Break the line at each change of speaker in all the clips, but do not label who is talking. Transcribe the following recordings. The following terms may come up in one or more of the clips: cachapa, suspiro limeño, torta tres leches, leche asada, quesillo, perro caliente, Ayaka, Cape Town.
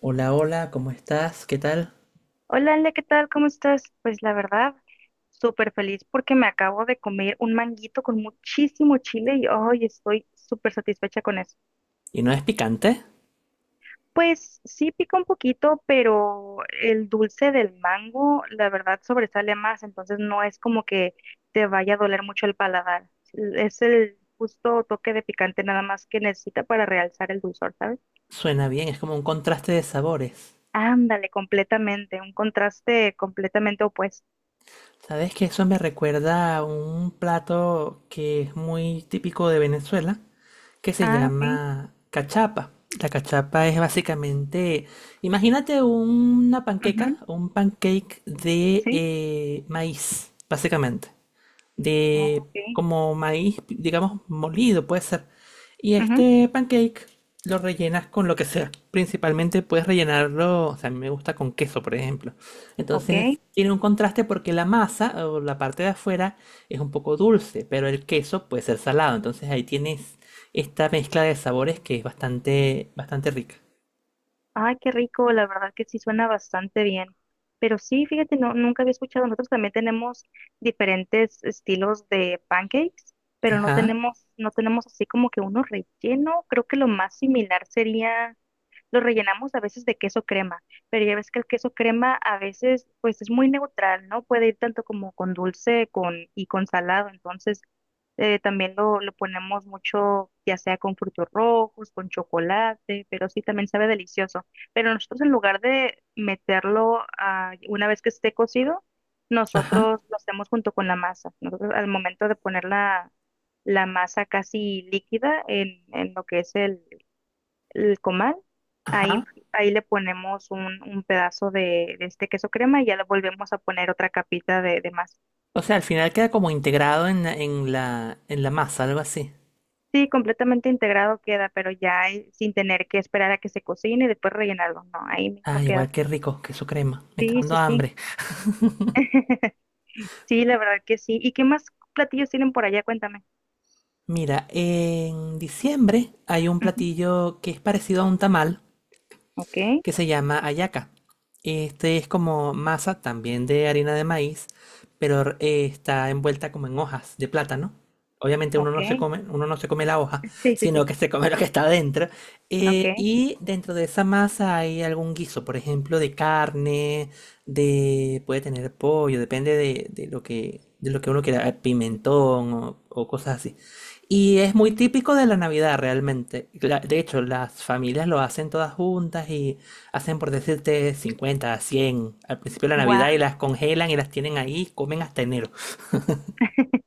Hola, hola, ¿cómo estás? ¿Qué tal?
Hola, Ale, ¿qué tal? ¿Cómo estás? Pues la verdad, súper feliz porque me acabo de comer un manguito con muchísimo chile y hoy estoy súper satisfecha con eso.
¿Y no es picante?
Pues sí pica un poquito, pero el dulce del mango, la verdad, sobresale más, entonces no es como que te vaya a doler mucho el paladar. Es el justo toque de picante nada más que necesita para realzar el dulzor, ¿sabes?
Suena bien, es como un contraste de sabores.
Ándale, completamente, un contraste completamente opuesto.
¿Sabes que eso me recuerda a un plato que es muy típico de Venezuela, que se
Ah, ok.
llama cachapa? La cachapa es básicamente, imagínate una panqueca,
Ujú.
un pancake de
Sí.
maíz, básicamente.
Ah,
De
ok.
como maíz, digamos, molido, puede ser. Y
Ujú.
este pancake lo rellenas con lo que sea. Principalmente puedes rellenarlo, o sea, a mí me gusta con queso, por ejemplo.
Ok.
Entonces tiene un contraste porque la masa o la parte de afuera es un poco dulce, pero el queso puede ser salado. Entonces ahí tienes esta mezcla de sabores que es bastante, bastante rica.
Ay, qué rico, la verdad que sí suena bastante bien. Pero sí, fíjate, no, nunca había escuchado. Nosotros también tenemos diferentes estilos de pancakes, pero no
Ajá,
tenemos, no tenemos así como que uno relleno. Creo que lo más similar sería. Lo rellenamos a veces de queso crema, pero ya ves que el queso crema a veces pues es muy neutral, ¿no? Puede ir tanto como con dulce con, y con salado, entonces también lo ponemos mucho, ya sea con frutos rojos, con chocolate, pero sí también sabe delicioso. Pero nosotros en lugar de meterlo una vez que esté cocido,
ajá,
nosotros lo hacemos junto con la masa. Nosotros al momento de poner la, la masa casi líquida en lo que es el comal. Ahí,
ajá.
ahí le ponemos un pedazo de este queso crema y ya le volvemos a poner otra capita de más.
O sea, al final queda como integrado en la, en la, en la masa, algo así.
Sí, completamente integrado queda, pero ya sin tener que esperar a que se cocine y después rellenarlo. No, ahí mismo
Ah, igual
queda.
qué rico, queso crema. Me está
Sí,
dando
sí, sí.
hambre.
Sí, la verdad que sí. ¿Y qué más platillos tienen por allá? Cuéntame.
Mira, en diciembre hay un
Ujú.
platillo que es parecido a un tamal,
Ok,
que se llama Ayaka. Este es como masa también de harina de maíz, pero está envuelta como en hojas de plátano. Obviamente uno
ok.
no se come, uno no se come la hoja,
Sí, sí, sí.
sino que se come lo que está dentro.
Ok.
Y dentro de esa masa hay algún guiso, por ejemplo, de carne, de puede tener pollo, depende de lo que uno quiera, pimentón o cosas así. Y es muy típico de la Navidad realmente. De hecho, las familias lo hacen todas juntas y hacen por decirte 50 100 al principio de la Navidad y
Guau.
las congelan y las tienen ahí, comen hasta enero.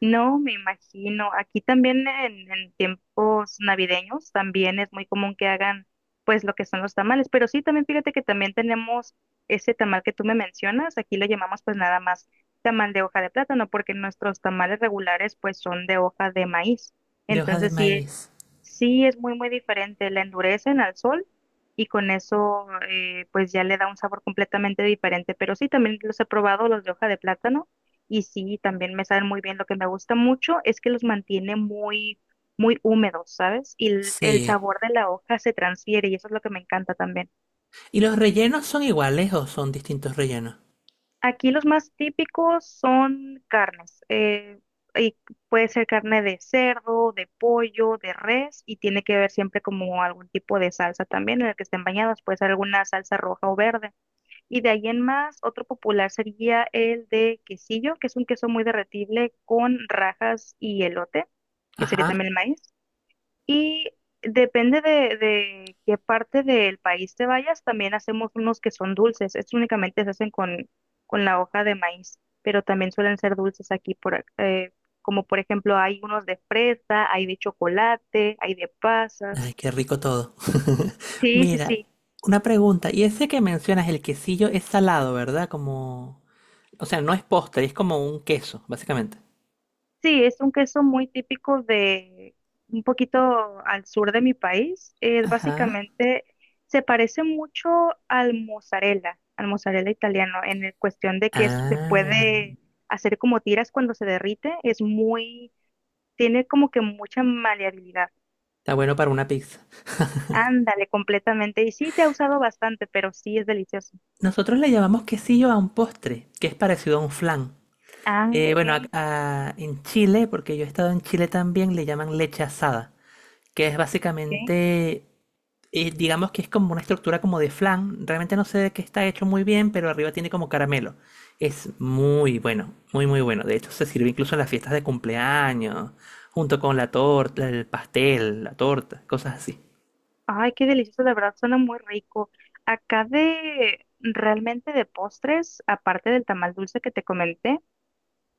No, me imagino. Aquí también en tiempos navideños también es muy común que hagan pues lo que son los tamales, pero sí, también fíjate que también tenemos ese tamal que tú me mencionas, aquí lo llamamos pues nada más tamal de hoja de plátano, porque nuestros tamales regulares pues son de hoja de maíz.
De hoja de
Entonces sí,
maíz.
sí, es muy, muy diferente. La endurecen al sol y con eso, pues ya le da un sabor completamente diferente. Pero sí, también los he probado, los de hoja de plátano, y sí, también me saben muy bien. Lo que me gusta mucho es que los mantiene muy, muy húmedos, ¿sabes? Y el
Sí.
sabor de la hoja se transfiere y eso es lo que me encanta también.
¿Y los rellenos son iguales o son distintos rellenos?
Aquí los más típicos son carnes. Y puede ser carne de cerdo, de pollo, de res, y tiene que ver siempre como algún tipo de salsa también en el que estén bañados. Puede ser alguna salsa roja o verde. Y de ahí en más, otro popular sería el de quesillo, que es un queso muy derretible con rajas y elote, que sería
Ajá.
también el maíz. Y depende de qué parte del país te vayas, también hacemos unos que son dulces. Estos únicamente se hacen con la hoja de maíz, pero también suelen ser dulces aquí por, como por ejemplo hay unos de fresa, hay de chocolate, hay de
Ay,
pasas.
qué rico todo.
Sí, sí,
Mira,
sí.
una pregunta. Y ese que mencionas, el quesillo, es salado, ¿verdad? Como... O sea, no es postre, es como un queso, básicamente.
Sí, es un queso muy típico de un poquito al sur de mi país. Es
Ajá.
básicamente, se parece mucho al mozzarella italiano, en el cuestión de que se
Ah,
puede hacer como tiras cuando se derrite. Es muy, tiene como que mucha maleabilidad.
está bueno para una pizza.
Ándale, completamente. Y sí, se ha usado bastante, pero sí es delicioso.
Nosotros le llamamos quesillo a un postre, que es parecido a un flan.
Ah, ok,
Bueno, en Chile, porque yo he estado en Chile también, le llaman leche asada, que es
ok.
básicamente, digamos que es como una estructura como de flan. Realmente no sé de qué está hecho muy bien, pero arriba tiene como caramelo. Es muy bueno, muy muy bueno. De hecho, se sirve incluso en las fiestas de cumpleaños, junto con la torta, el pastel, la torta, cosas así.
Ay, qué delicioso, de verdad, suena muy rico. Acá de realmente de postres, aparte del tamal dulce que te comenté,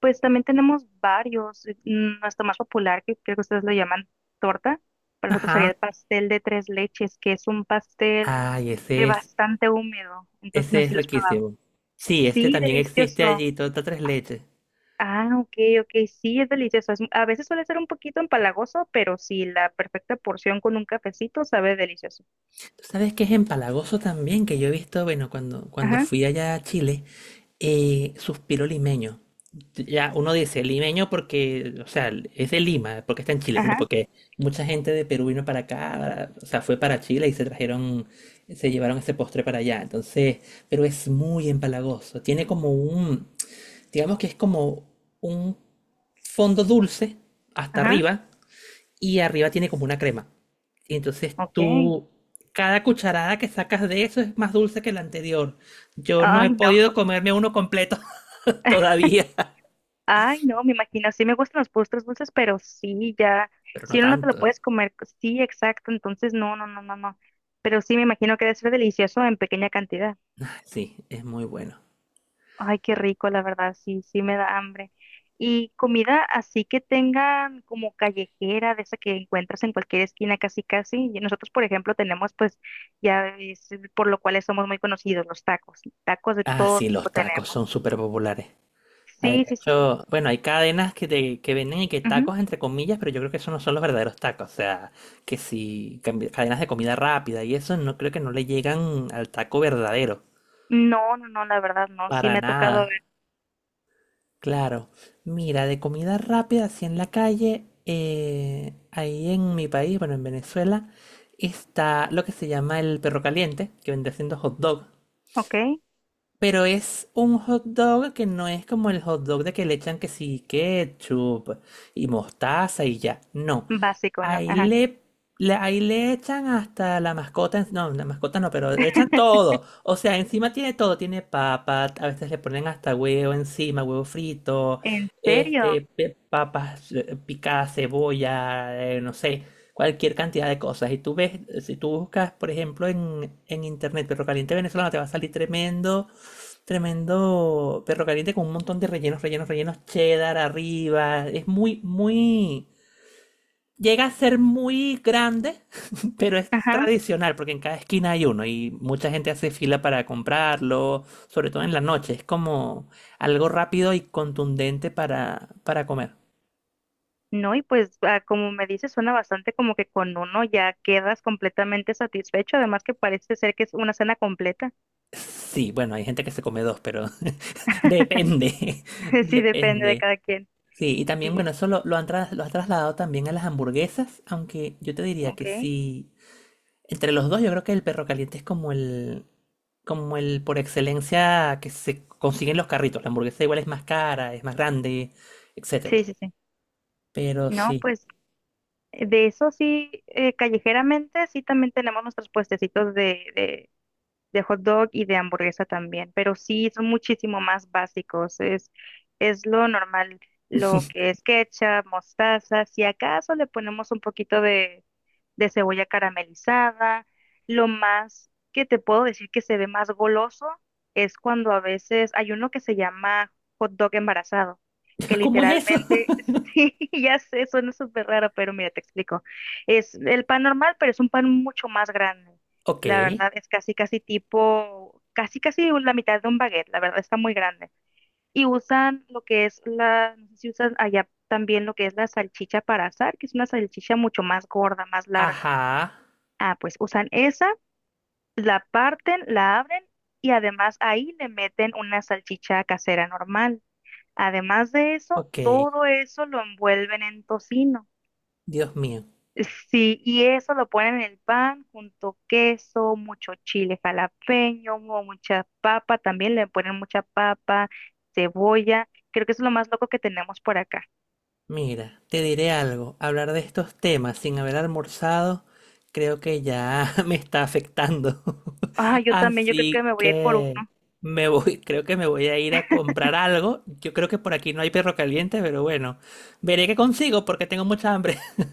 pues también tenemos varios. Nuestro más popular, que creo que ustedes lo llaman torta, para nosotros sería
Ajá.
el pastel de tres leches, que es un pastel
Ay,
bastante húmedo. Entonces,
ese
no sé
es
si lo has probado.
riquísimo. Sí, este
Sí,
también existe
delicioso.
allí, torta tres leches.
Ah, ok, ok, sí, es delicioso. A veces suele ser un poquito empalagoso, pero sí, la perfecta porción con un cafecito sabe delicioso.
Tú sabes que es empalagoso también, que yo he visto, bueno, cuando
Ajá,
fui allá a Chile, suspiro limeño. Ya uno dice limeño porque, o sea, es de Lima, porque está en Chile,
ajá,
no, porque mucha gente de Perú vino para acá, o sea, fue para Chile y se trajeron, se llevaron ese postre para allá. Entonces, pero es muy empalagoso. Tiene como un, digamos que es como un fondo dulce hasta
ajá.
arriba y arriba tiene como una crema. Y entonces
Ok.
tú, cada cucharada que sacas de eso es más dulce que la anterior. Yo no
Ay,
he
no.
podido comerme uno completo todavía,
Ay, no, me imagino. Sí me gustan los postres dulces, pero sí, ya.
pero no
Si uno no te lo
tanto.
puedes comer. Sí, exacto. Entonces, no, no, no, no, no. Pero sí, me imagino que debe ser delicioso en pequeña cantidad.
Ah, sí, es muy bueno.
Ay, qué rico, la verdad. Sí, sí me da hambre. Y comida así que tengan como callejera, de esa que encuentras en cualquier esquina casi casi. Y nosotros, por ejemplo, tenemos pues, ya es por lo cual somos muy conocidos, los tacos. Tacos de
Ah,
todo
sí, los
tipo
tacos son
tenemos.
súper populares. Hay-
Sí,
De
sí, sí.
hecho, bueno, hay cadenas que, que venden y que tacos entre comillas, pero yo creo que esos no son los verdaderos tacos. O sea, que si cadenas de comida rápida y eso, no creo que no le llegan al taco verdadero.
No, no, no, la verdad no. Sí
Para
me ha tocado
nada.
ver,
Claro. Mira, de comida rápida, así en la calle, ahí en mi país, bueno, en Venezuela, está lo que se llama el perro caliente, que vende siendo hot dog.
ok,
Pero es un hot dog que no es como el hot dog de que le echan que sí, ketchup y mostaza y ya. No,
básico, ¿no?
Ahí
Ajá.
le, ahí le echan hasta la mascota, no, la mascota no, pero le echan todo. O sea, encima tiene todo, tiene papas a veces le ponen hasta huevo encima, huevo frito,
¿En serio?
este, papas picadas, cebolla, no sé, cualquier cantidad de cosas. Y tú ves, si tú buscas, por ejemplo, en internet perro caliente venezolano, te va a salir tremendo, tremendo perro caliente con un montón de rellenos, rellenos, rellenos, cheddar arriba. Es muy, llega a ser muy grande, pero es
Ajá.
tradicional, porque en cada esquina hay uno y mucha gente hace fila para comprarlo, sobre todo en la noche. Es como algo rápido y contundente para, comer.
No, y pues como me dices, suena bastante como que con uno ya quedas completamente satisfecho, además que parece ser que es una cena completa.
Sí, bueno, hay gente que se come 2, pero depende,
Sí, depende de
depende.
cada quien.
Sí, y también,
Sí,
bueno, eso lo has trasladado también a las hamburguesas, aunque yo te diría que
ok.
sí. Entre los dos, yo creo que el perro caliente es como el por excelencia que se consiguen los carritos. La hamburguesa igual es más cara, es más grande, etcétera.
Sí, sí, sí.
Pero
No,
sí.
pues de eso sí, callejeramente sí también tenemos nuestros puestecitos de hot dog y de hamburguesa también, pero sí son muchísimo más básicos, es lo normal, lo que es ketchup, mostaza, si acaso le ponemos un poquito de cebolla caramelizada. Lo más que te puedo decir que se ve más goloso es cuando a veces hay uno que se llama hot dog embarazado, que
¿Cómo es eso?
literalmente, sí, ya sé, suena súper raro, pero mira, te explico. Es el pan normal, pero es un pan mucho más grande.
Ok.
La verdad es casi, casi tipo, casi, casi la mitad de un baguette, la verdad está muy grande. Y usan lo que es la, no sé si usan allá también lo que es la salchicha para asar, que es una salchicha mucho más gorda, más larga.
Ajá.
Ah, pues usan esa, la parten, la abren y además ahí le meten una salchicha casera normal. Además de eso,
Ok.
todo eso lo envuelven en tocino.
Dios mío.
Sí, y eso lo ponen en el pan junto queso, mucho chile jalapeño, o mucha papa, también le ponen mucha papa, cebolla. Creo que eso es lo más loco que tenemos por acá.
Mira, te diré algo, hablar de estos temas sin haber almorzado creo que ya me está afectando.
Ah, yo también, yo creo que
Así
me voy a ir por uno.
que me voy, creo que me voy a ir a comprar algo. Yo creo que por aquí no hay perro caliente, pero bueno, veré qué consigo porque tengo mucha hambre.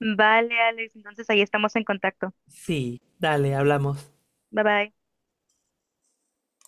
Vale, Alex, entonces ahí estamos en contacto.
Sí, dale, hablamos.
Bye bye.